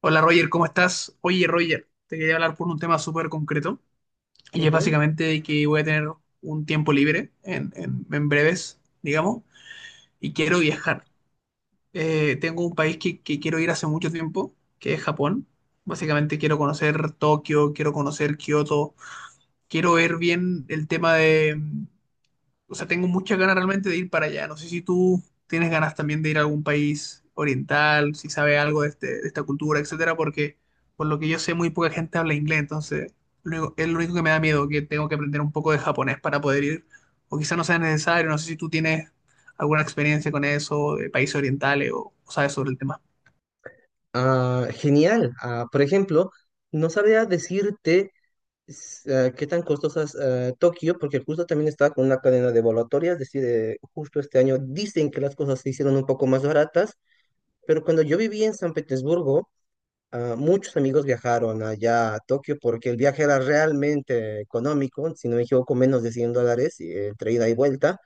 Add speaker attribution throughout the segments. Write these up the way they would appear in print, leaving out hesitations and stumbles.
Speaker 1: Hola Roger, ¿cómo estás? Oye Roger, te quería hablar por un tema súper concreto y es
Speaker 2: Ujú.
Speaker 1: básicamente que voy a tener un tiempo libre en breves, digamos, y quiero viajar. Tengo un país que quiero ir hace mucho tiempo, que es Japón. Básicamente quiero conocer Tokio, quiero conocer Kioto, quiero ver bien el tema de, o sea, tengo muchas ganas realmente de ir para allá. No sé si tú tienes ganas también de ir a algún país oriental, si sabes algo de, de esta cultura, etcétera, porque por lo que yo sé, muy poca gente habla inglés, entonces es lo único que me da miedo, que tengo que aprender un poco de japonés para poder ir, o quizá no sea necesario. No sé si tú tienes alguna experiencia con eso, de países orientales, o sabes sobre el tema.
Speaker 2: Ah, genial. Ah, por ejemplo, no sabía decirte qué tan costosas Tokio, porque justo también estaba con una cadena de volatorias, es decir, justo este año dicen que las cosas se hicieron un poco más baratas, pero cuando yo vivía en San Petersburgo, muchos amigos viajaron allá a Tokio porque el viaje era realmente económico, si no me equivoco, menos de $100 entre ida y vuelta.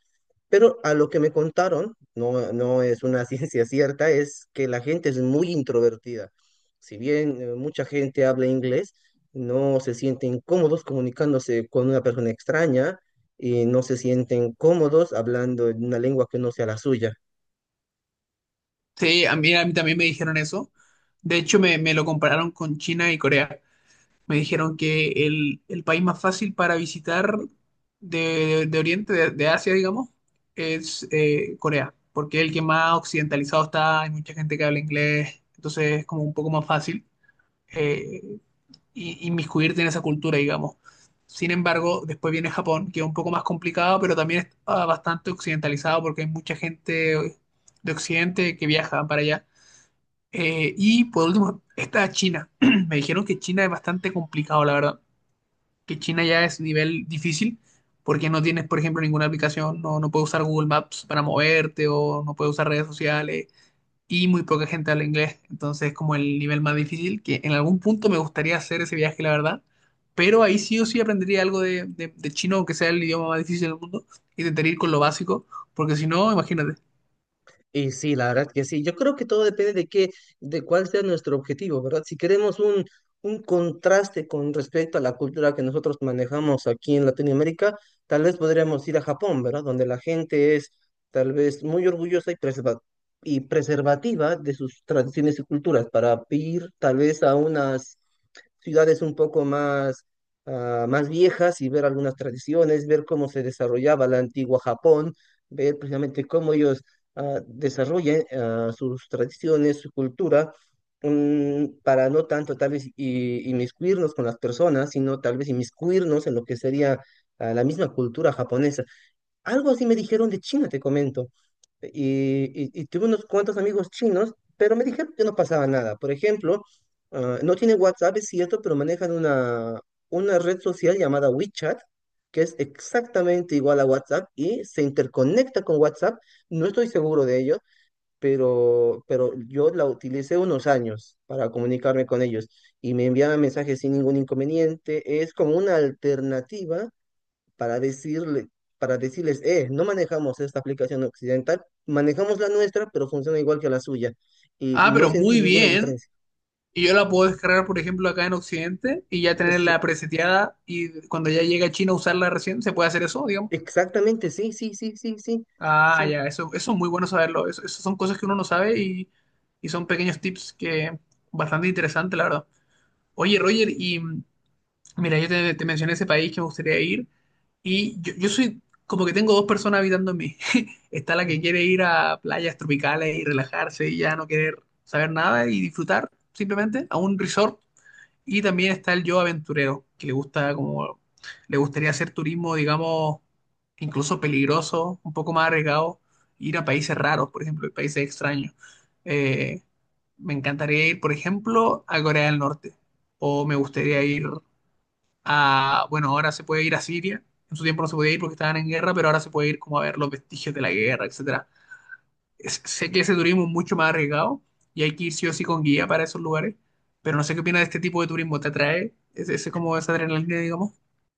Speaker 2: Pero a lo que me contaron, no, no es una ciencia cierta, es que la gente es muy introvertida. Si bien mucha gente habla inglés, no se sienten cómodos comunicándose con una persona extraña y no se sienten cómodos hablando en una lengua que no sea la suya.
Speaker 1: Sí, a mí también me dijeron eso. De hecho, me lo compararon con China y Corea. Me dijeron que el país más fácil para visitar de, de Oriente, de Asia, digamos, es Corea, porque es el que más occidentalizado está, hay mucha gente que habla inglés, entonces es como un poco más fácil eh, inmiscuirte en esa cultura, digamos. Sin embargo, después viene Japón, que es un poco más complicado, pero también está bastante occidentalizado porque hay mucha gente de Occidente que viaja para allá. Y por último está China. Me dijeron que China es bastante complicado, la verdad que China ya es nivel difícil porque no tienes, por ejemplo, ninguna aplicación, no puedes usar Google Maps para moverte o no puedes usar redes sociales y muy poca gente habla inglés. Entonces es como el nivel más difícil que en algún punto me gustaría hacer ese viaje, la verdad. Pero ahí sí o sí aprendería algo de chino, aunque sea el idioma más difícil del mundo, y tentaría ir con lo básico, porque si no, imagínate.
Speaker 2: Y sí, la verdad que sí. Yo creo que todo depende de qué, de cuál sea nuestro objetivo, ¿verdad? Si queremos un, contraste con respecto a la cultura que nosotros manejamos aquí en Latinoamérica, tal vez podríamos ir a Japón, ¿verdad? Donde la gente es tal vez muy orgullosa y, y preservativa de sus tradiciones y culturas para ir tal vez a unas ciudades un poco más, más viejas y ver algunas tradiciones, ver cómo se desarrollaba la antigua Japón, ver precisamente cómo ellos desarrollen sus tradiciones, su cultura, para no tanto tal vez inmiscuirnos con las personas, sino tal vez inmiscuirnos en lo que sería la misma cultura japonesa. Algo así me dijeron de China, te comento. Y tuve unos cuantos amigos chinos, pero me dijeron que no pasaba nada. Por ejemplo, no tienen WhatsApp, es cierto, pero manejan una red social llamada WeChat, que es exactamente igual a WhatsApp y se interconecta con WhatsApp. No estoy seguro de ello, pero yo la utilicé unos años para comunicarme con ellos y me enviaban mensajes sin ningún inconveniente. Es como una alternativa para decirle, para decirles, no manejamos esta aplicación occidental, manejamos la nuestra, pero funciona igual que la suya. Y
Speaker 1: Ah,
Speaker 2: no
Speaker 1: pero
Speaker 2: sentí
Speaker 1: muy
Speaker 2: ninguna
Speaker 1: bien.
Speaker 2: diferencia.
Speaker 1: Y yo la puedo descargar, por ejemplo, acá en Occidente y ya
Speaker 2: Pues
Speaker 1: tenerla
Speaker 2: sí,
Speaker 1: preseteada y cuando ya llegue a China usarla recién, ¿se puede hacer eso, digamos?
Speaker 2: exactamente, sí, sí, sí, sí, sí,
Speaker 1: Ah,
Speaker 2: sí.
Speaker 1: ya, eso es muy bueno saberlo. Eso son cosas que uno no sabe y son pequeños tips que bastante interesantes, la verdad. Oye, Roger, y mira, te mencioné ese país que me gustaría ir y yo soy como que tengo dos personas habitando en mí. Está la que
Speaker 2: Ujú.
Speaker 1: quiere ir a playas tropicales y relajarse y ya no querer saber nada y disfrutar simplemente a un resort y también está el yo aventurero, que le gustaría hacer turismo, digamos, incluso peligroso, un poco más arriesgado, ir a países raros, por ejemplo, y países extraños. Eh, Me encantaría ir, por ejemplo, a Corea del Norte, o me gustaría ir a, bueno, ahora se puede ir a Siria, en su tiempo no se podía ir porque estaban en guerra, pero ahora se puede ir como a ver los vestigios de la guerra, etcétera. Sé que ese turismo es mucho más arriesgado y hay que ir sí o sí con guía para esos lugares, pero no sé qué opinas de este tipo de turismo, ¿te atrae? Es como esa adrenalina, digamos?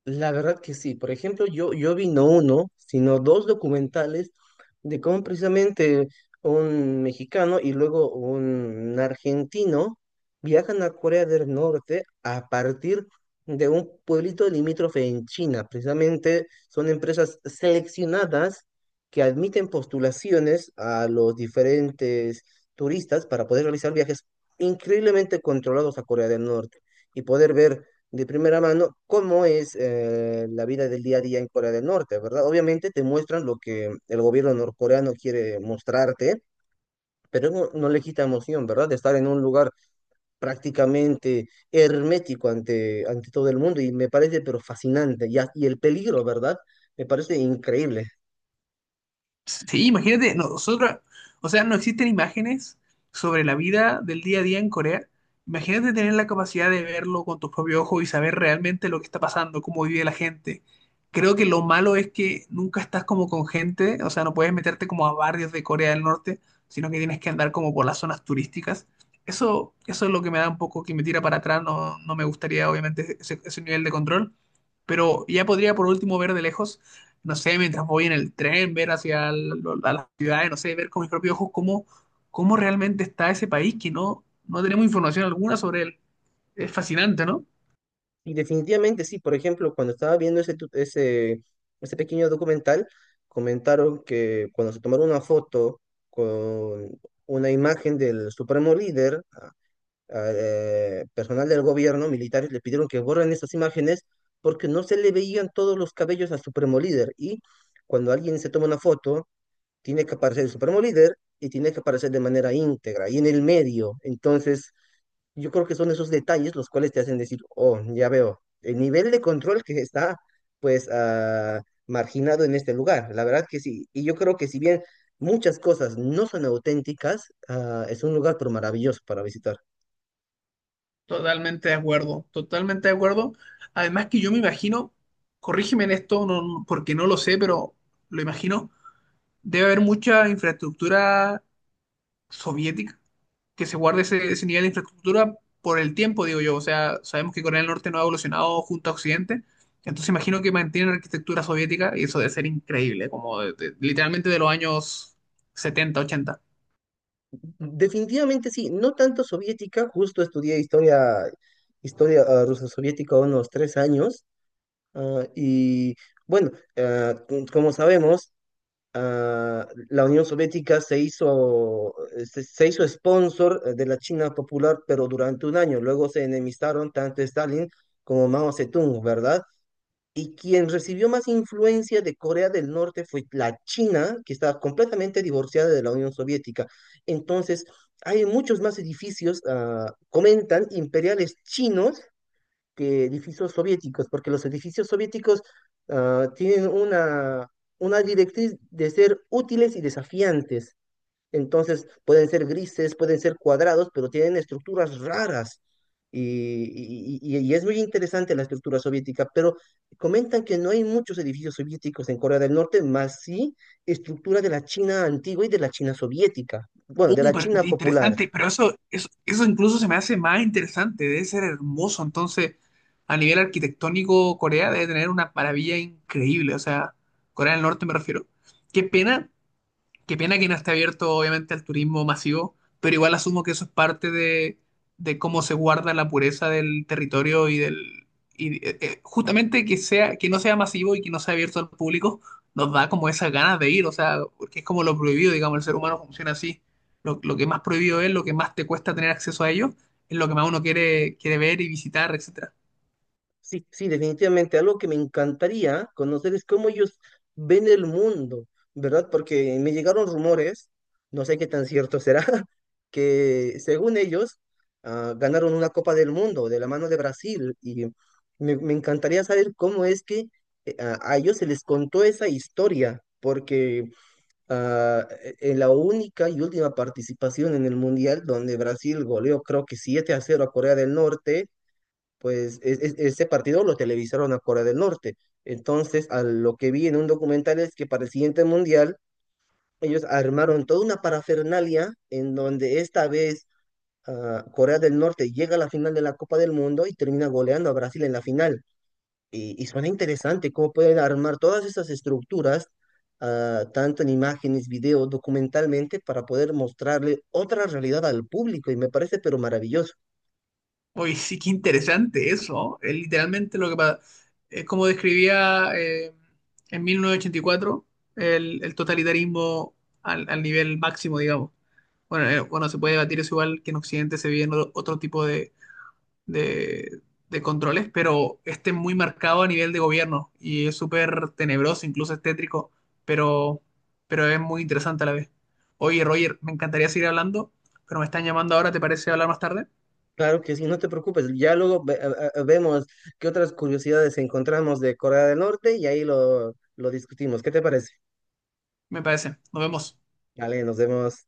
Speaker 2: La verdad que sí. Por ejemplo, yo vi no uno, sino dos documentales de cómo precisamente un mexicano y luego un argentino viajan a Corea del Norte a partir de un pueblito limítrofe en China. Precisamente son empresas seleccionadas que admiten postulaciones a los diferentes turistas para poder realizar viajes increíblemente controlados a Corea del Norte y poder ver de primera mano cómo es la vida del día a día en Corea del Norte, ¿verdad? Obviamente te muestran lo que el gobierno norcoreano quiere mostrarte, pero no, no le quita emoción, ¿verdad? De estar en un lugar prácticamente hermético ante todo el mundo y me parece pero fascinante y el peligro, ¿verdad? Me parece increíble.
Speaker 1: Sí, imagínate, o sea, no existen imágenes sobre la vida del día a día en Corea. Imagínate tener la capacidad de verlo con tus propios ojos y saber realmente lo que está pasando, cómo vive la gente. Creo que lo malo es que nunca estás como con gente, o sea, no puedes meterte como a barrios de Corea del Norte, sino que tienes que andar como por las zonas turísticas. Eso es lo que me da un poco, que me tira para atrás, no me gustaría obviamente ese ese nivel de control, pero ya podría por último ver de lejos, no sé, mientras voy en el tren, ver a las ciudades, no sé, ver con mis propios ojos cómo realmente está ese país que no tenemos información alguna sobre él. Es fascinante, ¿no?
Speaker 2: Y definitivamente sí, por ejemplo, cuando estaba viendo ese pequeño documental, comentaron que cuando se tomaron una foto con una imagen del supremo líder, personal del gobierno, militares, le pidieron que borren esas imágenes porque no se le veían todos los cabellos al supremo líder. Y cuando alguien se toma una foto, tiene que aparecer el supremo líder y tiene que aparecer de manera íntegra y en el medio. Entonces, yo creo que son esos detalles los cuales te hacen decir, oh, ya veo, el nivel de control que está, pues, marginado en este lugar. La verdad que sí. Y yo creo que si bien muchas cosas no son auténticas, es un lugar pero maravilloso para visitar.
Speaker 1: Totalmente de acuerdo, totalmente de acuerdo. Además que yo me imagino, corrígeme en esto, porque no lo sé, pero lo imagino, debe haber mucha infraestructura soviética que se guarde ese nivel de infraestructura por el tiempo, digo yo. O sea, sabemos que Corea del Norte no ha evolucionado junto a Occidente, entonces imagino que mantienen la arquitectura soviética y eso debe ser increíble, como literalmente de los años setenta ochenta.
Speaker 2: Definitivamente sí, no tanto soviética, justo estudié historia, historia rusa soviética unos 3 años. Y bueno, como sabemos, la Unión Soviética se hizo, se hizo sponsor de la China Popular, pero durante un año. Luego se enemistaron tanto Stalin como Mao Zedong, ¿verdad? Y quien recibió más influencia de Corea del Norte fue la China, que estaba completamente divorciada de la Unión Soviética. Entonces, hay muchos más edificios, comentan, imperiales chinos que edificios soviéticos, porque los edificios soviéticos tienen una directriz de ser útiles y desafiantes. Entonces, pueden ser grises, pueden ser cuadrados, pero tienen estructuras raras. Y, y es muy interesante la estructura soviética, pero comentan que no hay muchos edificios soviéticos en Corea del Norte, más sí estructura de la China antigua y de la China soviética, bueno, de la
Speaker 1: Pero
Speaker 2: China popular.
Speaker 1: interesante, pero eso incluso se me hace más interesante, debe ser hermoso. Entonces, a nivel arquitectónico, Corea debe tener una maravilla increíble, o sea, Corea del Norte me refiero. Qué pena. Qué pena que no esté abierto, obviamente, al turismo masivo, pero igual asumo que eso es parte de cómo se guarda la pureza del territorio y del. Y, justamente que sea, que no sea masivo y que no sea abierto al público, nos da como esas ganas de ir, o sea, porque es como lo prohibido, digamos, el ser humano funciona así. Lo que más prohibido es, lo que más te cuesta tener acceso a ello, es lo que más uno quiere, quiere ver y visitar, etc.
Speaker 2: Sí, sí, definitivamente. Algo que me encantaría conocer es cómo ellos ven el mundo, ¿verdad? Porque me llegaron rumores, no sé qué tan cierto será, que según ellos ganaron una Copa del Mundo de la mano de Brasil. Y me encantaría saber cómo es que a ellos se les contó esa historia, porque en la única y última participación en el Mundial donde Brasil goleó creo que 7-0 a Corea del Norte pues ese partido lo televisaron a Corea del Norte. Entonces, a lo que vi en un documental es que para el siguiente mundial, ellos armaron toda una parafernalia en donde esta vez Corea del Norte llega a la final de la Copa del Mundo y termina goleando a Brasil en la final. Y suena interesante cómo pueden armar todas esas estructuras, tanto en imágenes, video, documentalmente, para poder mostrarle otra realidad al público. Y me parece pero maravilloso.
Speaker 1: Uy, sí, qué interesante eso. Es literalmente lo que pa- Es como describía en 1984 el totalitarismo al nivel máximo, digamos. Bueno, se puede debatir eso igual que en Occidente se viven otro, otro tipo de, de- de controles, pero este es muy marcado a nivel de gobierno y es súper tenebroso, incluso es tétrico, pero, pero es muy interesante a la vez. Oye, Roger, me encantaría seguir hablando, pero me están llamando ahora, ¿te parece hablar más tarde?
Speaker 2: Claro que sí, no te preocupes. Ya luego vemos qué otras curiosidades encontramos de Corea del Norte y ahí lo discutimos. ¿Qué te parece?
Speaker 1: Me parece. Nos vemos.
Speaker 2: Vale, nos vemos.